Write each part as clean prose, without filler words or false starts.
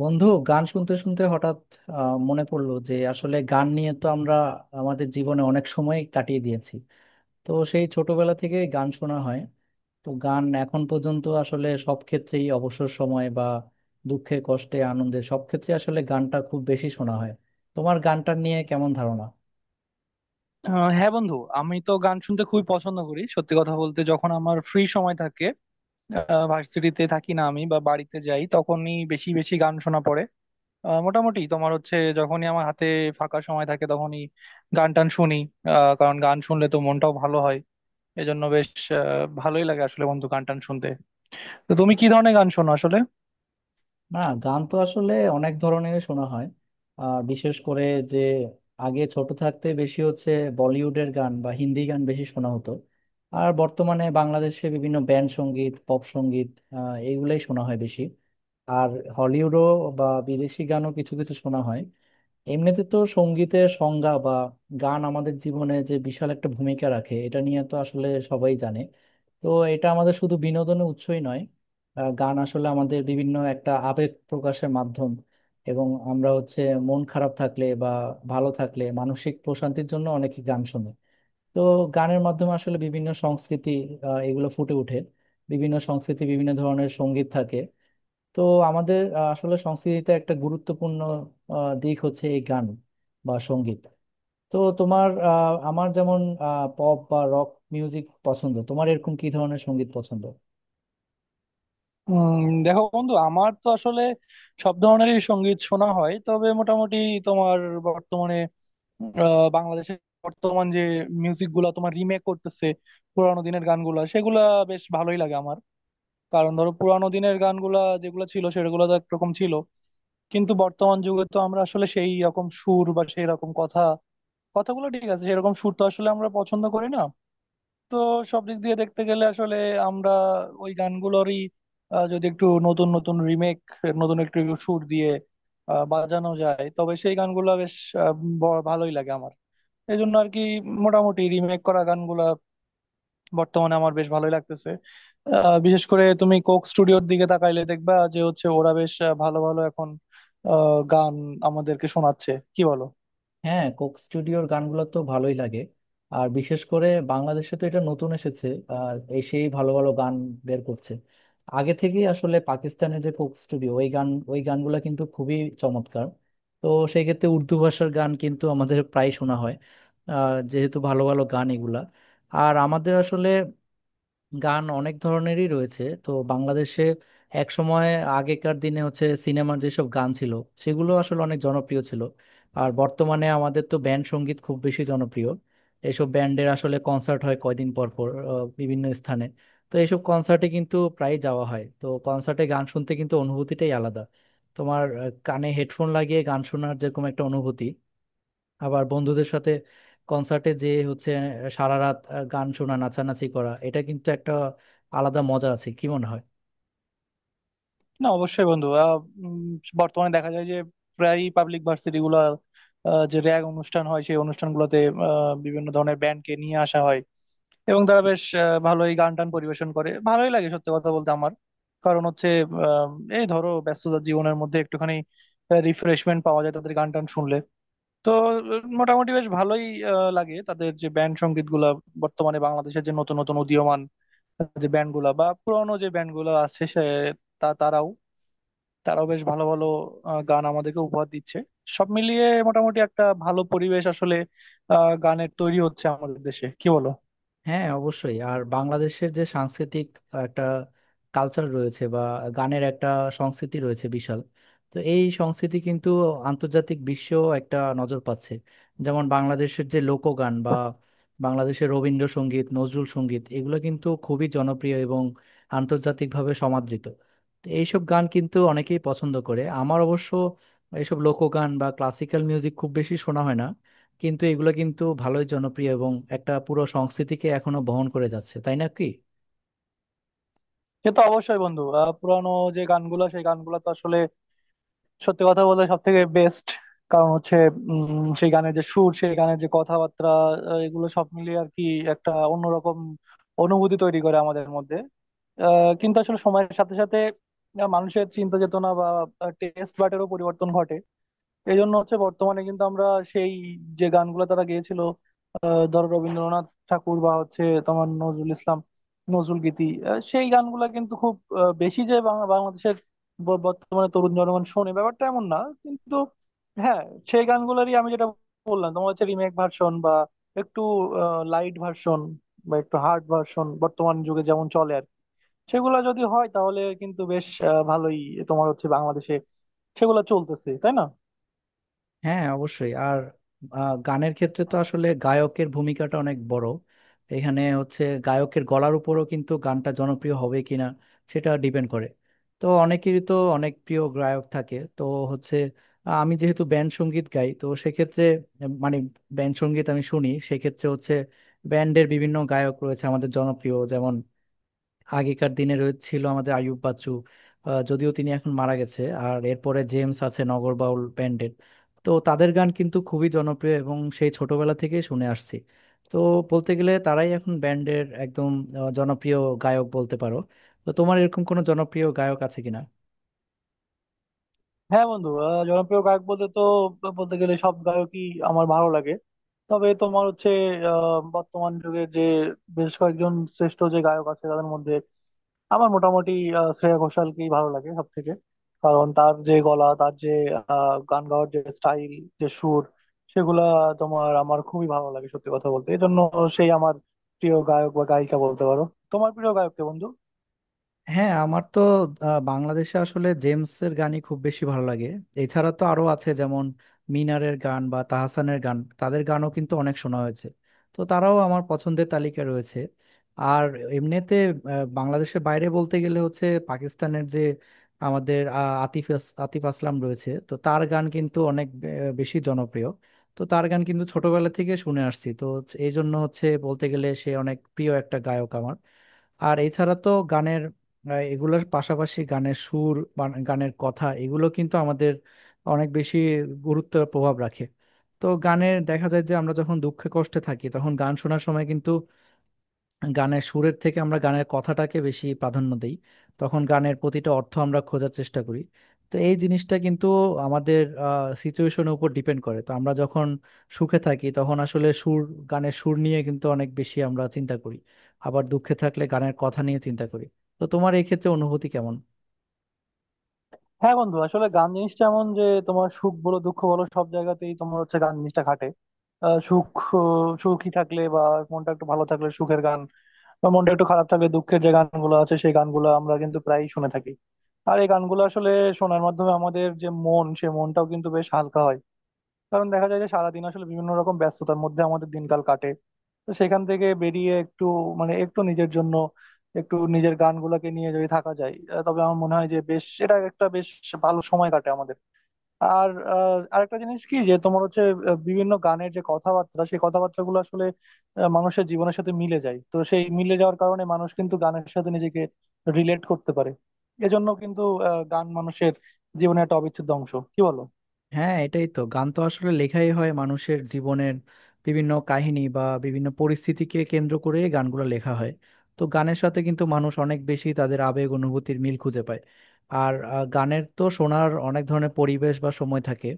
বন্ধু, গান শুনতে শুনতে হঠাৎ মনে পড়লো যে আসলে গান নিয়ে তো আমরা আমাদের জীবনে অনেক সময় কাটিয়ে দিয়েছি। তো সেই ছোটবেলা থেকে গান শোনা হয়। তো গান এখন পর্যন্ত আসলে সব ক্ষেত্রেই অবসর সময় বা দুঃখে কষ্টে আনন্দে সব ক্ষেত্রে আসলে গানটা খুব বেশি শোনা হয়। তোমার গানটা নিয়ে কেমন ধারণা? হ্যাঁ বন্ধু, আমি তো গান শুনতে খুবই পছন্দ করি। সত্যি কথা বলতে যখন আমার ফ্রি সময় থাকে, ভার্সিটিতে থাকি না আমি বা বাড়িতে যাই, তখনই বেশি বেশি গান শোনা পড়ে। মোটামুটি তোমার হচ্ছে যখনই আমার হাতে ফাঁকা সময় থাকে তখনই গান টান শুনি। কারণ গান শুনলে তো মনটাও ভালো হয়। এজন্য বেশ ভালোই লাগে আসলে বন্ধু গান টান শুনতে। তো তুমি কি ধরনের গান শোনো আসলে? না, গান তো আসলে অনেক ধরনের শোনা হয়। বিশেষ করে যে আগে ছোট থাকতে বেশি হচ্ছে বলিউডের গান বা হিন্দি গান বেশি শোনা হতো। আর বর্তমানে বাংলাদেশে বিভিন্ন ব্যান্ড সঙ্গীত, পপ সঙ্গীত, এইগুলাই শোনা হয় বেশি। আর হলিউডও বা বিদেশি গানও কিছু কিছু শোনা হয়। এমনিতে তো সঙ্গীতের সংজ্ঞা বা গান আমাদের জীবনে যে বিশাল একটা ভূমিকা রাখে এটা নিয়ে তো আসলে সবাই জানে। তো এটা আমাদের শুধু বিনোদনের উৎসই নয়, গান আসলে আমাদের বিভিন্ন একটা আবেগ প্রকাশের মাধ্যম। এবং আমরা হচ্ছে মন খারাপ থাকলে বা ভালো থাকলে মানসিক প্রশান্তির জন্য অনেকে গান শুনে। তো গানের মাধ্যমে আসলে বিভিন্ন সংস্কৃতি এগুলো ফুটে ওঠে। বিভিন্ন সংস্কৃতি বিভিন্ন ধরনের সঙ্গীত থাকে। তো আমাদের আসলে সংস্কৃতিতে একটা গুরুত্বপূর্ণ দিক হচ্ছে এই গান বা সঙ্গীত। তো তোমার আমার যেমন পপ বা রক মিউজিক পছন্দ, তোমার এরকম কি ধরনের সঙ্গীত পছন্দ? দেখো বন্ধু, আমার তো আসলে সব ধরনেরই সঙ্গীত শোনা হয়, তবে মোটামুটি তোমার বাংলাদেশের বর্তমান যে মিউজিক গুলা তোমার রিমেক করতেছে পুরানো দিনের গানগুলা, সেগুলা বেশ ভালোই লাগে আমার। কারণ ধরো পুরানো দিনের গানগুলা যেগুলো ছিল সেগুলো তো একরকম ছিল, কিন্তু বর্তমান যুগে তো আমরা আসলে সেই রকম সুর বা সেই রকম কথা, কথাগুলো ঠিক আছে সেরকম সুর তো আসলে আমরা পছন্দ করি না। তো সব দিক দিয়ে দেখতে গেলে আসলে আমরা ওই গানগুলোরই যদি একটু নতুন নতুন রিমেক, নতুন একটু সুর দিয়ে বাজানো যায়, তবে সেই গানগুলো বেশ আহ, ভালোই লাগে আমার। এই জন্য আর কি, মোটামুটি রিমেক করা গানগুলা বর্তমানে আমার বেশ ভালোই লাগতেছে। বিশেষ করে তুমি কোক স্টুডিওর দিকে তাকাইলে দেখবা যে হচ্ছে ওরা বেশ ভালো ভালো এখন গান আমাদেরকে শোনাচ্ছে, কি বলো? হ্যাঁ, কোক স্টুডিওর গানগুলো তো ভালোই লাগে। আর বিশেষ করে বাংলাদেশে তো এটা নতুন এসেছে, আর এসেই ভালো ভালো গান বের করছে। আগে থেকেই আসলে পাকিস্তানে যে কোক স্টুডিও, ওই গানগুলো কিন্তু খুবই চমৎকার। তো সেই ক্ষেত্রে উর্দু ভাষার গান কিন্তু আমাদের প্রায় শোনা হয়, যেহেতু ভালো ভালো গান এগুলা। আর আমাদের আসলে গান অনেক ধরনেরই রয়েছে তো বাংলাদেশে। এক সময় আগেকার দিনে হচ্ছে সিনেমার যেসব গান ছিল, সেগুলো আসলে অনেক জনপ্রিয় ছিল। আর বর্তমানে আমাদের তো ব্যান্ড সঙ্গীত খুব বেশি জনপ্রিয়। এসব ব্যান্ডের আসলে কনসার্ট হয় কয়দিন পর পর বিভিন্ন স্থানে। তো এইসব কনসার্টে কিন্তু প্রায় যাওয়া হয়। তো কনসার্টে গান শুনতে কিন্তু অনুভূতিটাই আলাদা। তোমার কানে হেডফোন লাগিয়ে গান শোনার যেরকম একটা অনুভূতি, আবার বন্ধুদের সাথে কনসার্টে যে হচ্ছে সারা রাত গান শোনা, নাচানাচি করা, এটা কিন্তু একটা আলাদা মজা আছে, কি মনে হয়? না অবশ্যই বন্ধু, উম, বর্তমানে দেখা যায় যে প্রায় পাবলিক ভার্সিটি গুলা যে র্যাগ অনুষ্ঠান হয় সেই অনুষ্ঠানগুলোতে বিভিন্ন ধরনের ব্যান্ডকে নিয়ে আসা হয়, এবং তারা বেশ ভালোই গান টান পরিবেশন করে, ভালোই লাগে সত্যি কথা বলতে আমার। কারণ হচ্ছে এই ধরো ব্যস্ততার জীবনের মধ্যে একটুখানি রিফ্রেশমেন্ট পাওয়া যায় তাদের গান টান শুনলে। তো মোটামুটি বেশ ভালোই লাগে তাদের যে ব্যান্ড সঙ্গীত গুলা। বর্তমানে বাংলাদেশের যে নতুন নতুন উদীয়মান যে ব্যান্ড গুলা বা পুরোনো যে ব্যান্ড গুলা আছে সে, তারাও, তারাও বেশ ভালো ভালো গান আমাদেরকে উপহার দিচ্ছে। সব মিলিয়ে মোটামুটি একটা ভালো পরিবেশ আসলে গানের তৈরি হচ্ছে আমাদের দেশে, কি বলো? হ্যাঁ, অবশ্যই। আর বাংলাদেশের যে সাংস্কৃতিক একটা কালচার রয়েছে বা গানের একটা সংস্কৃতি রয়েছে বিশাল, তো এই সংস্কৃতি কিন্তু আন্তর্জাতিক বিশ্বেও একটা নজর পাচ্ছে। যেমন বাংলাদেশের যে লোকগান বা বাংলাদেশের রবীন্দ্রসঙ্গীত, নজরুল সঙ্গীত, এগুলো কিন্তু খুবই জনপ্রিয় এবং আন্তর্জাতিকভাবে সমাদৃত। তো এইসব গান কিন্তু অনেকেই পছন্দ করে। আমার অবশ্য এইসব লোকগান বা ক্লাসিক্যাল মিউজিক খুব বেশি শোনা হয় না, কিন্তু এগুলো কিন্তু ভালোই জনপ্রিয় এবং একটা পুরো সংস্কৃতিকে এখনো বহন করে যাচ্ছে, তাই না কি? সে তো অবশ্যই বন্ধু, পুরানো যে গানগুলো সেই গানগুলো তো আসলে সত্যি কথা বলতে সব থেকে বেস্ট। কারণ হচ্ছে সেই গানের যে সুর, সেই গানের যে কথাবার্তা, এগুলো সব মিলিয়ে আর কি একটা অন্যরকম অনুভূতি তৈরি করে আমাদের মধ্যে। কিন্তু আসলে সময়ের সাথে সাথে মানুষের চিন্তা চেতনা বা টেস্ট বাটেরও পরিবর্তন ঘটে। এই জন্য হচ্ছে বর্তমানে কিন্তু আমরা সেই যে গানগুলো তারা গেয়েছিল, ধরো রবীন্দ্রনাথ ঠাকুর বা হচ্ছে তোমার নজরুল ইসলাম, নজরুল গীতি, সেই গানগুলা কিন্তু খুব বেশি যে বাংলাদেশের বর্তমানে তরুণ জনগণ শোনে ব্যাপারটা এমন না, কিন্তু হ্যাঁ সেই গানগুলোরই আমি যেটা বললাম তোমার হচ্ছে রিমেক ভার্সন বা একটু লাইট ভার্সন বা একটু হার্ড ভার্সন, বর্তমান যুগে যেমন চলে আর কি। সেগুলো যদি হয় তাহলে কিন্তু বেশ ভালোই তোমার হচ্ছে বাংলাদেশে সেগুলো চলতেছে, তাই না? হ্যাঁ, অবশ্যই। আর গানের ক্ষেত্রে তো আসলে গায়কের ভূমিকাটা অনেক বড়। এখানে হচ্ছে গায়কের গলার উপরও কিন্তু গানটা জনপ্রিয় হবে কিনা সেটা ডিপেন্ড করে। তো অনেকেরই তো অনেক প্রিয় গায়ক থাকে। তো হচ্ছে আমি যেহেতু ব্যান্ড সঙ্গীত গাই, তো সেক্ষেত্রে মানে ব্যান্ড সঙ্গীত আমি শুনি, সেক্ষেত্রে হচ্ছে ব্যান্ডের বিভিন্ন গায়ক রয়েছে আমাদের জনপ্রিয়। যেমন আগেকার দিনে ছিল আমাদের আইয়ুব বাচ্চু, যদিও তিনি এখন মারা গেছে। আর এরপরে জেমস আছে নগরবাউল ব্যান্ডের। তো তাদের গান কিন্তু খুবই জনপ্রিয় এবং সেই ছোটবেলা থেকে শুনে আসছি। তো বলতে গেলে তারাই এখন ব্যান্ডের একদম জনপ্রিয় গায়ক বলতে পারো। তো তোমার এরকম কোনো জনপ্রিয় গায়ক আছে কিনা? হ্যাঁ বন্ধু, জনপ্রিয় গায়ক বলতে তো বলতে গেলে সব গায়কই আমার ভালো লাগে। তবে তোমার হচ্ছে বর্তমান যুগে যে বেশ কয়েকজন শ্রেষ্ঠ যে গায়ক আছে তাদের মধ্যে আমার মোটামুটি শ্রেয়া ঘোষালকেই ভালো লাগে সব থেকে। কারণ তার যে গলা, তার যে গান গাওয়ার যে স্টাইল, যে সুর, সেগুলা তোমার আমার খুবই ভালো লাগে সত্যি কথা বলতে। এই জন্য সেই আমার প্রিয় গায়ক বা গায়িকা বলতে পারো। তোমার প্রিয় গায়ক কে বন্ধু? হ্যাঁ, আমার তো বাংলাদেশে আসলে জেমসের গানই খুব বেশি ভালো লাগে। এছাড়া তো আরো আছে, যেমন মিনারের গান বা তাহসানের গান, তাদের গানও কিন্তু অনেক শোনা হয়েছে। তো তারাও আমার পছন্দের তালিকায় রয়েছে। আর এমনিতে বাংলাদেশের বাইরে বলতে গেলে হচ্ছে পাকিস্তানের যে আমাদের আতিফ আসলাম রয়েছে, তো তার গান কিন্তু অনেক বেশি জনপ্রিয়। তো তার গান কিন্তু ছোটবেলা থেকে শুনে আসছি। তো এই জন্য হচ্ছে বলতে গেলে সে অনেক প্রিয় একটা গায়ক আমার। আর এছাড়া তো গানের এগুলোর পাশাপাশি গানের সুর গানের কথা এগুলো কিন্তু আমাদের অনেক বেশি গুরুত্ব প্রভাব রাখে। তো গানের দেখা যায় যে আমরা যখন দুঃখে কষ্টে থাকি তখন গান শোনার সময় কিন্তু গানের সুরের থেকে আমরা গানের কথাটাকে বেশি প্রাধান্য দিই। তখন গানের প্রতিটা অর্থ আমরা খোঁজার চেষ্টা করি। তো এই জিনিসটা কিন্তু আমাদের সিচুয়েশনের উপর ডিপেন্ড করে। তো আমরা যখন সুখে থাকি তখন আসলে সুর, গানের সুর নিয়ে কিন্তু অনেক বেশি আমরা চিন্তা করি। আবার দুঃখে থাকলে গানের কথা নিয়ে চিন্তা করি। তো তোমার এই ক্ষেত্রে অনুভূতি কেমন? হ্যাঁ বন্ধু, আসলে গান জিনিসটা এমন যে তোমার সুখ বলো দুঃখ বলো, সব জায়গাতেই তোমার হচ্ছে গান জিনিসটা খাটে। আহ, সুখ সুখী থাকলে বা মনটা একটু ভালো থাকলে সুখের গান, বা মনটা একটু খারাপ থাকলে দুঃখের যে গানগুলো আছে, সেই গানগুলো আমরা কিন্তু প্রায়ই শুনে থাকি। আর এই গানগুলো আসলে শোনার মাধ্যমে আমাদের যে মন সে মনটাও কিন্তু বেশ হালকা হয়। কারণ দেখা যায় যে সারাদিন আসলে বিভিন্ন রকম ব্যস্ততার মধ্যে আমাদের দিনকাল কাটে। তো সেখান থেকে বেরিয়ে একটু মানে একটু নিজের জন্য, একটু নিজের গানগুলোকে নিয়ে যদি থাকা যায়, তবে আমার মনে হয় যে বেশ এটা একটা বেশ ভালো সময় কাটে আমাদের। আর আরেকটা জিনিস কি যে তোমার হচ্ছে বিভিন্ন গানের যে কথাবার্তা, সেই কথাবার্তাগুলো আসলে মানুষের জীবনের সাথে মিলে যায়। তো সেই মিলে যাওয়ার কারণে মানুষ কিন্তু গানের সাথে নিজেকে রিলেট করতে পারে। এজন্য কিন্তু গান মানুষের জীবনে একটা অবিচ্ছেদ্য অংশ, কি বলো? হ্যাঁ, এটাই তো। গান তো আসলে লেখাই হয় মানুষের জীবনের বিভিন্ন কাহিনী বা বিভিন্ন পরিস্থিতিকে কেন্দ্র করে গানগুলো লেখা হয়। তো গানের সাথে কিন্তু মানুষ অনেক বেশি তাদের আবেগ অনুভূতির মিল খুঁজে পায়। আর গানের তো শোনার অনেক ধরনের পরিবেশ বা সময় থাকে।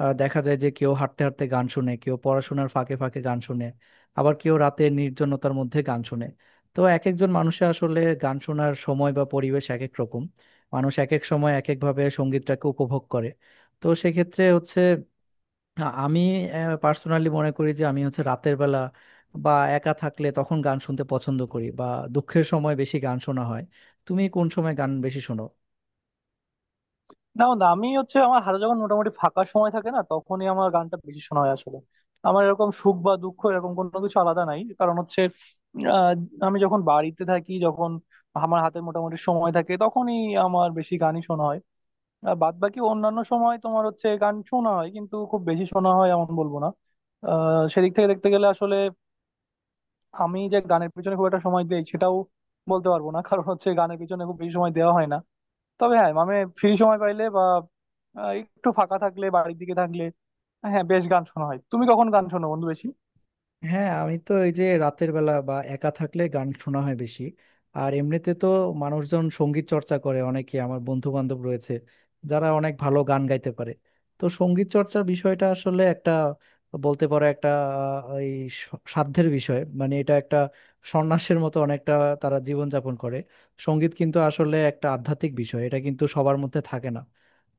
দেখা যায় যে কেউ হাঁটতে হাঁটতে গান শুনে, কেউ পড়াশোনার ফাঁকে ফাঁকে গান শুনে, আবার কেউ রাতে নির্জনতার মধ্যে গান শুনে। তো এক একজন মানুষের আসলে গান শোনার সময় বা পরিবেশ এক এক রকম। মানুষ এক এক সময় এক একভাবে সঙ্গীতটাকে উপভোগ করে। তো সেক্ষেত্রে হচ্ছে আমি পার্সোনালি মনে করি যে আমি হচ্ছে রাতের বেলা বা একা থাকলে তখন গান শুনতে পছন্দ করি, বা দুঃখের সময় বেশি গান শোনা হয়। তুমি কোন সময় গান বেশি শোনো? না বন্ধু, আমি হচ্ছে আমার হাতে যখন মোটামুটি ফাঁকা সময় থাকে না, তখনই আমার গানটা বেশি শোনা হয় আসলে। আমার এরকম সুখ বা দুঃখ এরকম কোনো কিছু আলাদা নাই। কারণ হচ্ছে আহ, আমি যখন বাড়িতে থাকি, যখন আমার হাতে মোটামুটি সময় থাকে, তখনই আমার বেশি গানই শোনা হয়। আর বাদ বাকি অন্যান্য সময় তোমার হচ্ছে গান শোনা হয় কিন্তু খুব বেশি শোনা হয় এমন বলবো না। সেদিক থেকে দেখতে গেলে আসলে আমি যে গানের পিছনে খুব একটা সময় দিই সেটাও বলতে পারবো না। কারণ হচ্ছে গানের পিছনে খুব বেশি সময় দেওয়া হয় না। তবে হ্যাঁ মানে ফ্রি সময় পাইলে বা আহ, একটু ফাঁকা থাকলে, বাড়ির দিকে থাকলে হ্যাঁ বেশ গান শোনা হয়। তুমি কখন গান শোনো বন্ধু বেশি? হ্যাঁ, আমি তো এই যে রাতের বেলা বা একা থাকলে গান শোনা হয় বেশি। আর এমনিতে তো মানুষজন সঙ্গীত চর্চা করে অনেকে। আমার বন্ধু বান্ধব রয়েছে যারা অনেক ভালো গান গাইতে পারে। তো সঙ্গীত চর্চার বিষয়টা আসলে একটা, বলতে পারো একটা আহ, এই সাধ্যের বিষয়, মানে এটা একটা সন্ন্যাসের মতো অনেকটা তারা জীবনযাপন করে। সঙ্গীত কিন্তু আসলে একটা আধ্যাত্মিক বিষয়, এটা কিন্তু সবার মধ্যে থাকে না।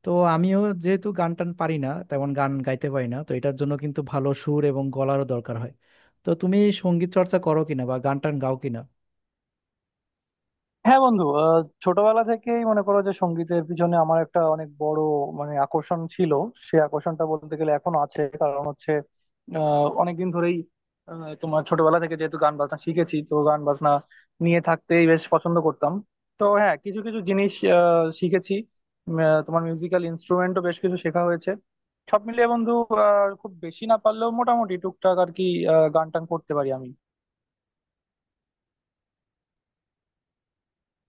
তো আমিও যেহেতু গান টান পারি না, তেমন গান গাইতে পারি না, তো এটার জন্য কিন্তু ভালো সুর এবং গলারও দরকার হয়। তো তুমি সঙ্গীত চর্চা করো কিনা বা গান টান গাও কিনা? হ্যাঁ বন্ধু, ছোটবেলা থেকেই মনে করো যে সঙ্গীতের পিছনে আমার একটা অনেক বড় মানে আকর্ষণ ছিল। সে আকর্ষণটা বলতে গেলে এখনো আছে। কারণ হচ্ছে অনেকদিন ধরেই তোমার ছোটবেলা থেকে যেহেতু গান বাজনা শিখেছি, তো গান বাজনা নিয়ে থাকতেই বেশ পছন্দ করতাম। তো হ্যাঁ কিছু কিছু জিনিস শিখেছি। তোমার মিউজিক্যাল ইনস্ট্রুমেন্টও বেশ কিছু শেখা হয়েছে। সব মিলিয়ে বন্ধু খুব বেশি না পারলেও মোটামুটি টুকটাক আর কি গান টান করতে পারি আমি।